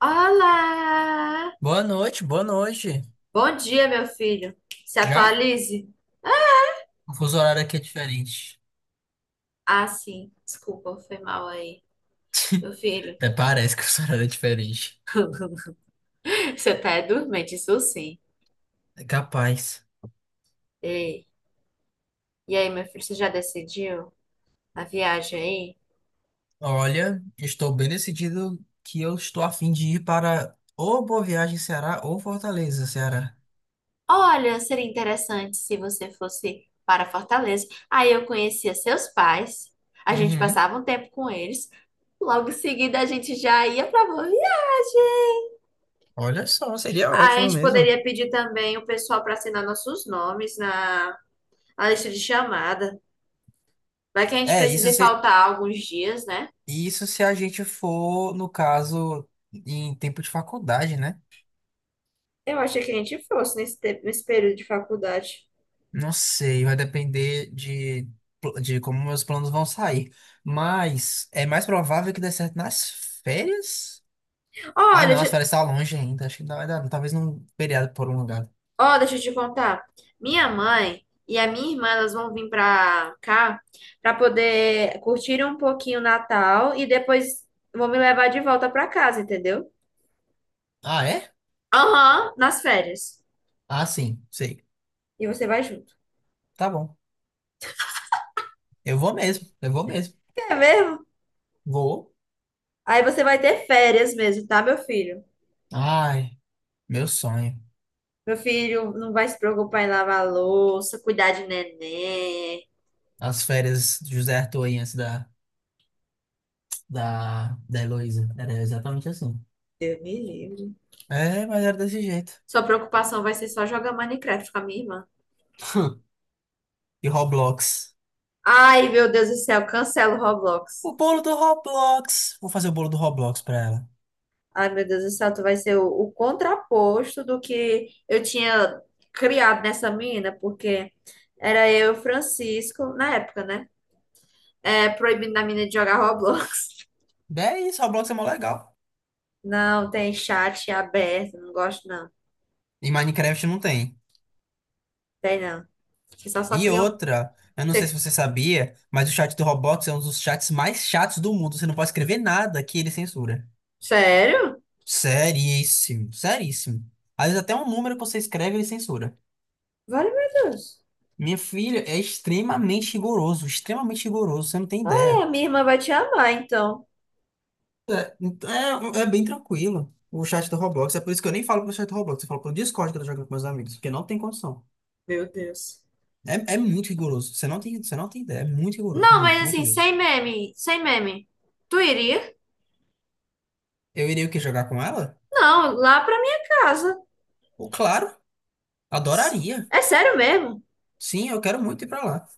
Olá! Boa noite, boa noite. Bom dia, meu filho. Se Já? atualize. O fuso horário aqui é diferente. Ah, sim. Desculpa, foi mal aí, meu filho. Até parece que o fuso horário é diferente. Você tá é dormente, isso sim. É capaz. Ei. E aí, meu filho, você já decidiu a viagem aí? Olha, estou bem decidido que eu estou a fim de ir para ou Boa Viagem, Ceará, ou Fortaleza, Ceará. Olha, seria interessante se você fosse para Fortaleza. Aí eu conhecia seus pais, a gente Uhum. passava um tempo com eles, logo em seguida a gente já ia para boa viagem. Olha só, seria A ótimo gente mesmo. poderia pedir também o pessoal para assinar nossos nomes na a lista de chamada. Vai que a gente É, isso precise se, faltar alguns dias, né? isso se a gente for, no caso, em tempo de faculdade, né? Eu achei que a gente fosse nesse período de faculdade. Não sei, vai depender de como meus planos vão sair. Mas é mais provável que dê certo nas férias? Olha, Ah, não, deixa- as férias estão longe ainda. Acho que não vai dar, talvez num feriado por um lugar. Ó, deixa eu te contar. Minha mãe e a minha irmã, elas vão vir pra cá pra poder curtir um pouquinho o Natal e depois vão me levar de volta pra casa, entendeu? Ah, é? Aham, nas férias. Ah, sim, sei. E você vai junto. Tá bom. Eu vou mesmo, eu vou mesmo. É mesmo? Vou. Aí você vai ter férias mesmo, tá, meu filho? Ai, meu sonho. Meu filho não vai se preocupar em lavar a louça, cuidar de neném. As férias de José Arthur aí antes da Heloísa. Era exatamente assim. Deus me livre. É, mas era desse jeito. Sua preocupação vai ser só jogar Minecraft com a minha irmã. E Roblox. Ai, meu Deus do céu, cancela o Roblox. O bolo do Roblox. Vou fazer o bolo do Roblox pra ela. Ai, meu Deus do céu, tu vai ser o contraposto do que eu tinha criado nessa menina, porque era eu e o Francisco, na época, né? É, proibindo a menina de jogar Roblox. É isso, Roblox é mó legal. Não, tem chat aberto, não gosto não. E Minecraft não tem. Tem não. Você só E criam. outra, eu não sei se Você... você sabia, mas o chat do Roblox é um dos chats mais chatos do mundo. Você não pode escrever nada que ele censura. Sério? Seríssimo, seríssimo. Às vezes até um número que você escreve ele censura. Vale, meu Deus. Minha filha é extremamente rigoroso, você não tem Ai, a ideia. minha irmã vai te amar, então. É, então é bem tranquilo o chat do Roblox. É por isso que eu nem falo pro chat do Roblox, eu falo pro Discord que eu tô jogando com meus amigos, porque não tem condição. Meu Deus. É, é muito rigoroso. Você não tem ideia. É muito rigoroso. Não, mas Muito, muito assim, mesmo. sem meme, sem meme. Tu iria? Eu iria o quê? Jogar com ela? Não, lá pra minha casa. Pô, claro. Adoraria. É sério mesmo? Sim, eu quero muito ir pra lá.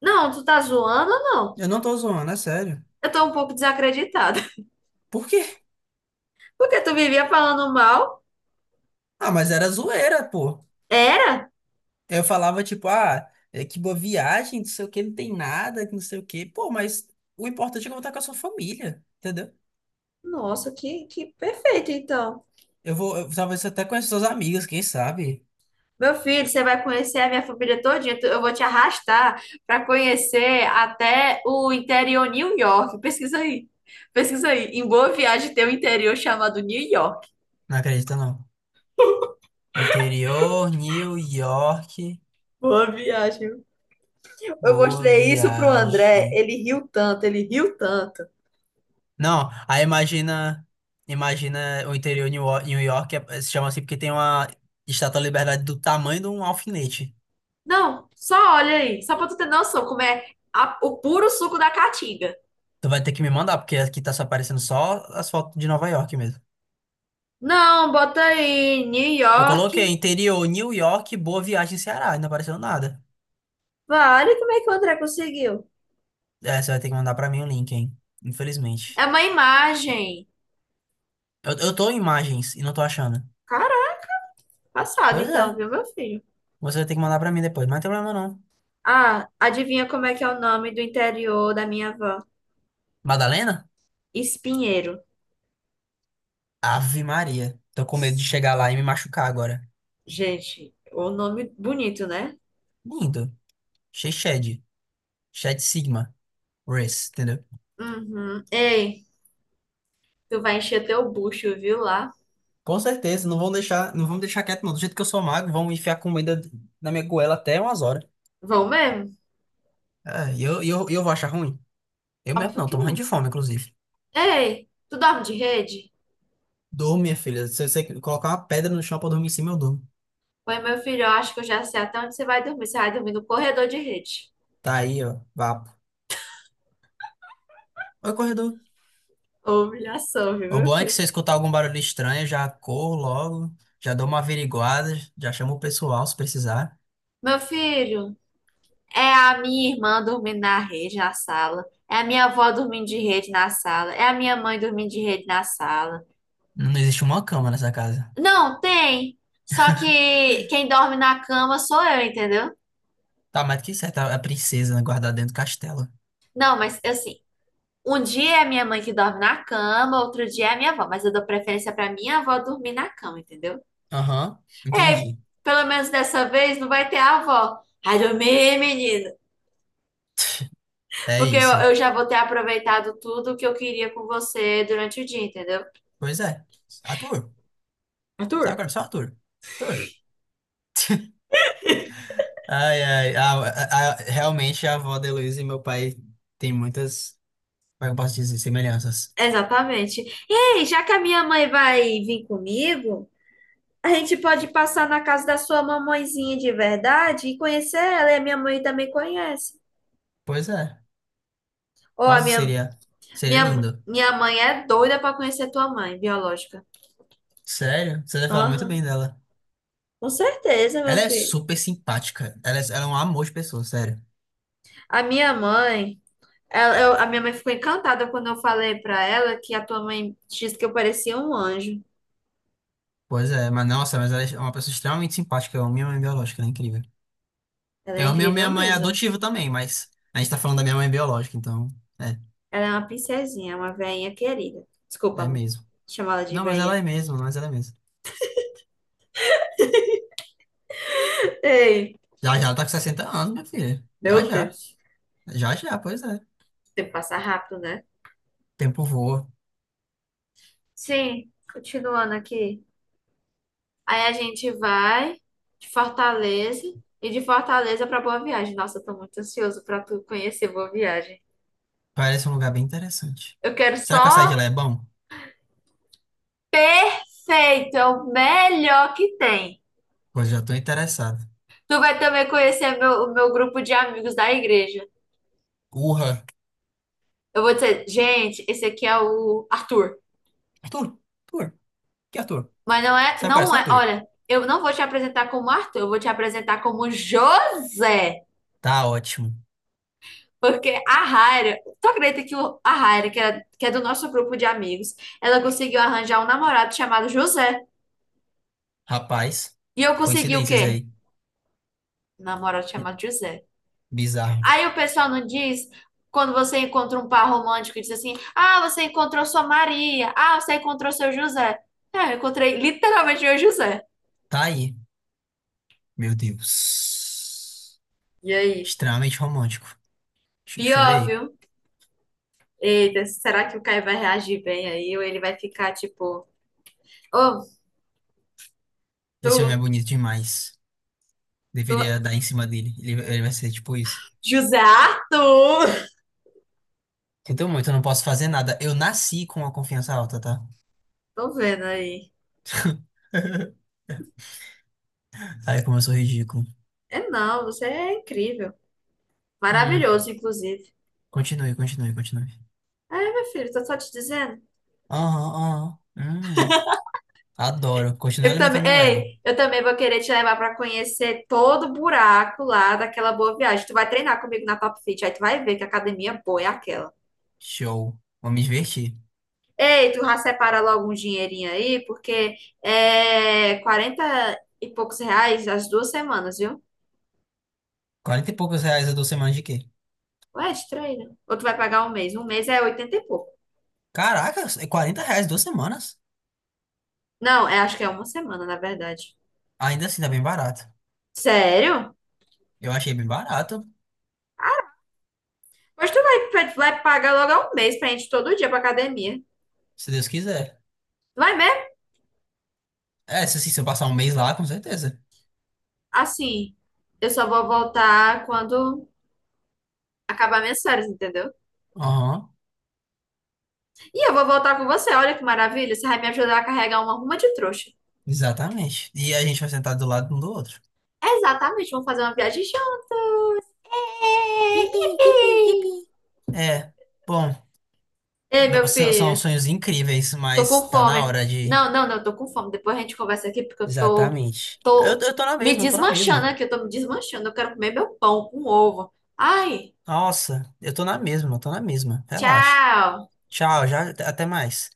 Não, tu tá zoando ou não? Eu não tô zoando, é sério. Eu tô um pouco desacreditada. Por quê? Porque tu vivia falando mal? Ah, mas era zoeira, pô. Era? Eu falava, tipo, ah, é que boa viagem, não sei o que não tem nada, que não sei o que. Pô, mas o importante é que eu vou estar com a sua família, entendeu? Nossa, que perfeito, então. Talvez até com as suas amigas, quem sabe? Meu filho, você vai conhecer a minha família todinha. Eu vou te arrastar pra conhecer até o interior New York. Pesquisa aí. Pesquisa aí. Em Boa Viagem tem um interior chamado New York. Não acredita, não. Interior, New York, Boa viagem. Eu boa mostrei isso pro André, viagem. ele riu tanto, ele riu tanto. Não, aí imagina o interior de New York é- se chama assim porque tem uma Estátua da Liberdade do tamanho de um alfinete. Não, só olha aí, só pra tu ter noção como é o puro suco da caatinga. Tu vai ter que me mandar, porque aqui tá só aparecendo só as fotos de Nova York mesmo. Não, bota aí, New Eu coloquei York. interior New York, Boa Viagem, Ceará, e não apareceu nada. Vale, como é que o André conseguiu? É, você vai ter que mandar pra mim o link, hein? É Infelizmente. uma imagem. Eu tô em imagens e não tô achando. Caraca, passado Pois é, então, viu, meu filho? você vai ter que mandar pra mim depois, mas não tem problema não. Ah, adivinha como é que é o nome do interior da minha avó? Madalena? Espinheiro. Ave Maria. Tô com medo de chegar lá e me machucar agora. Gente, o nome bonito, né? Lindo. Chechede. Chat Sigma, Race, entendeu? Uhum. Ei, tu vai encher teu bucho, viu, lá? Com certeza, não vão deixar, não vão me deixar quieto, não. Do jeito que eu sou magro, vão enfiar comida na minha goela até umas horas. Vão mesmo? Ah, e eu vou achar ruim? Eu mesmo Óbvio não, que tô morrendo de não. fome, inclusive. Ei, tu dorme de rede? Durmo, minha filha. Se você colocar uma pedra no chão pra dormir em cima, eu durmo. Oi, meu filho, eu acho que eu já sei até onde você vai dormir. Você vai dormir no corredor de rede. Tá aí, ó, vapo. Oi, corredor. Ô, Humilhação, viu, O meu bom é que se filho? eu escutar algum barulho estranho, eu já corro logo, já dou uma averiguada, já chamo o pessoal se precisar. Meu filho, é a minha irmã dormindo na rede na sala. É a minha avó dormindo de rede na sala. É a minha mãe dormindo de rede na sala. Não existe uma cama nessa casa. Não, tem. Só que quem dorme na cama sou eu, entendeu? Tá mais que certo, a princesa guardada dentro do castelo. Não, mas assim, um dia é minha mãe que dorme na cama, outro dia é a minha avó. Mas eu dou preferência pra minha avó dormir na cama, entendeu? Aham, É, entendi. pelo menos dessa vez não vai ter a avó. Ai, dormi, menina. É Porque eu, isso. eu já vou ter aproveitado tudo que eu queria com você durante o dia, entendeu? Pois é. Ator. Sabe Arthur? agora? Só ator. Ator. Ai, ai. Realmente a avó da Heloísa e meu pai tem muitas, como é que eu posso dizer, semelhanças. Exatamente. Ei, já que a minha mãe vai vir comigo, a gente pode passar na casa da sua mamãezinha de verdade e conhecer ela. E a minha mãe também conhece. Pois é. Ou a Nossa, minha, seria, seria minha, lindo. Minha mãe é doida para conhecer tua mãe biológica. Sério? Você deve falar muito Aham, bem dela. com certeza, meu Ela é filho. super simpática. Ela é um amor de pessoa, sério. A minha mãe. A minha mãe ficou encantada quando eu falei pra ela que a tua mãe disse que eu parecia um anjo. Pois é, mas nossa, mas ela é uma pessoa extremamente simpática. Eu amo minha mãe biológica, ela é incrível. Ela é Eu amo minha incrível minha mãe mesmo. adotiva também, mas a gente tá falando da minha mãe biológica, então. É, Ela é uma princesinha, uma veinha querida. Desculpa, é amor, mesmo. chamar ela de Não, mas ela veinha. é mesmo, mas ela é mesmo. Ei, Já já ela tá com 60 anos, minha filha. Já meu já. Deus. Já já, pois é. O tempo passa rápido, né? Tempo voa. Sim, continuando aqui. Aí a gente vai de Fortaleza e de Fortaleza pra Boa Viagem. Nossa, eu tô muito ansioso pra tu conhecer Boa Viagem. Parece um lugar bem interessante. Eu quero Será que o açaí de só lá é bom? feito, é o melhor que tem. Pois já tô interessado. Tu vai também conhecer o meu grupo de amigos da igreja. Urra. Eu vou dizer, gente, esse aqui é o Arthur. Arthur? Arthur? Que Arthur? Mas não é, Sabe qual é não só é, Arthur? olha, eu não vou te apresentar como Arthur, eu vou te apresentar como José. Tá ótimo. Porque a Raira, tu acredita que a Raira, que é do nosso grupo de amigos, ela conseguiu arranjar um namorado chamado José. Rapaz, E eu consegui o coincidências quê? aí. Um namorado chamado José. Bizarro. Aí o pessoal não diz, quando você encontra um par romântico e diz assim: ah, você encontrou sua Maria, ah, você encontrou seu José. É, eu encontrei literalmente meu José. Tá aí. Meu Deus. E aí? Extremamente romântico. Pior, Chorei. viu? Eita, será que o Caio vai reagir bem aí? Ou ele vai ficar tipo, oh, Esse homem é tu, bonito demais. tu, Deveria dar em cima dele. Ele vai ser tipo isso. José Arthur? Sinto muito, eu não posso fazer nada. Eu nasci com a confiança alta, tá? Tô vendo aí. Ai, como eu sou ridículo. É não, você é incrível. Hum, Maravilhoso, inclusive. continue, continue, continue. É, meu filho, tô só te dizendo. Aham, aham. Adoro. Continue Eu também, alimentando meu ego. ei, eu também vou querer te levar para conhecer todo o buraco lá daquela boa viagem. Tu vai treinar comigo na Top Fit, aí tu vai ver que academia boa é aquela. Show. Vou me divertir. Ei, tu já separa logo um dinheirinho aí, porque é 40 e poucos reais as 2 semanas, viu? Quarenta e poucos reais a 2 semanas de quê? Ou é de treino? Ou tu vai pagar um mês? Um mês é 80 e pouco. Caraca, é R$ 40 2 semanas? Não, é, acho que é uma semana, na verdade. Ainda assim, tá bem barato. Sério? Eu achei bem barato, Mas tu vai pagar logo um mês pra gente ir todo dia pra academia. se Deus quiser. Vai mesmo? É, se, assim, se eu passar um mês lá, com certeza. Assim, eu só vou voltar quando acabar minhas férias, entendeu? Aham, E eu vou voltar com você, olha que maravilha, você vai me ajudar a carregar uma ruma de trouxa. exatamente. E a gente vai sentar do lado um do outro. Exatamente, vamos fazer uma viagem show. É, Yipi, yipi, yipi. yippee! É, bom. Ei, meu São filho, sonhos incríveis, tô com mas tá na fome. hora de. Não, não, não, tô com fome. Depois a gente conversa aqui porque eu tô, Exatamente. Eu, tô eu tô na me mesma, eu tô na desmanchando mesma. aqui, eu tô me desmanchando. Eu quero comer meu pão com ovo. Ai, Nossa, eu tô na mesma, eu tô na mesma. Relaxa. tchau. Tchau, já, até mais.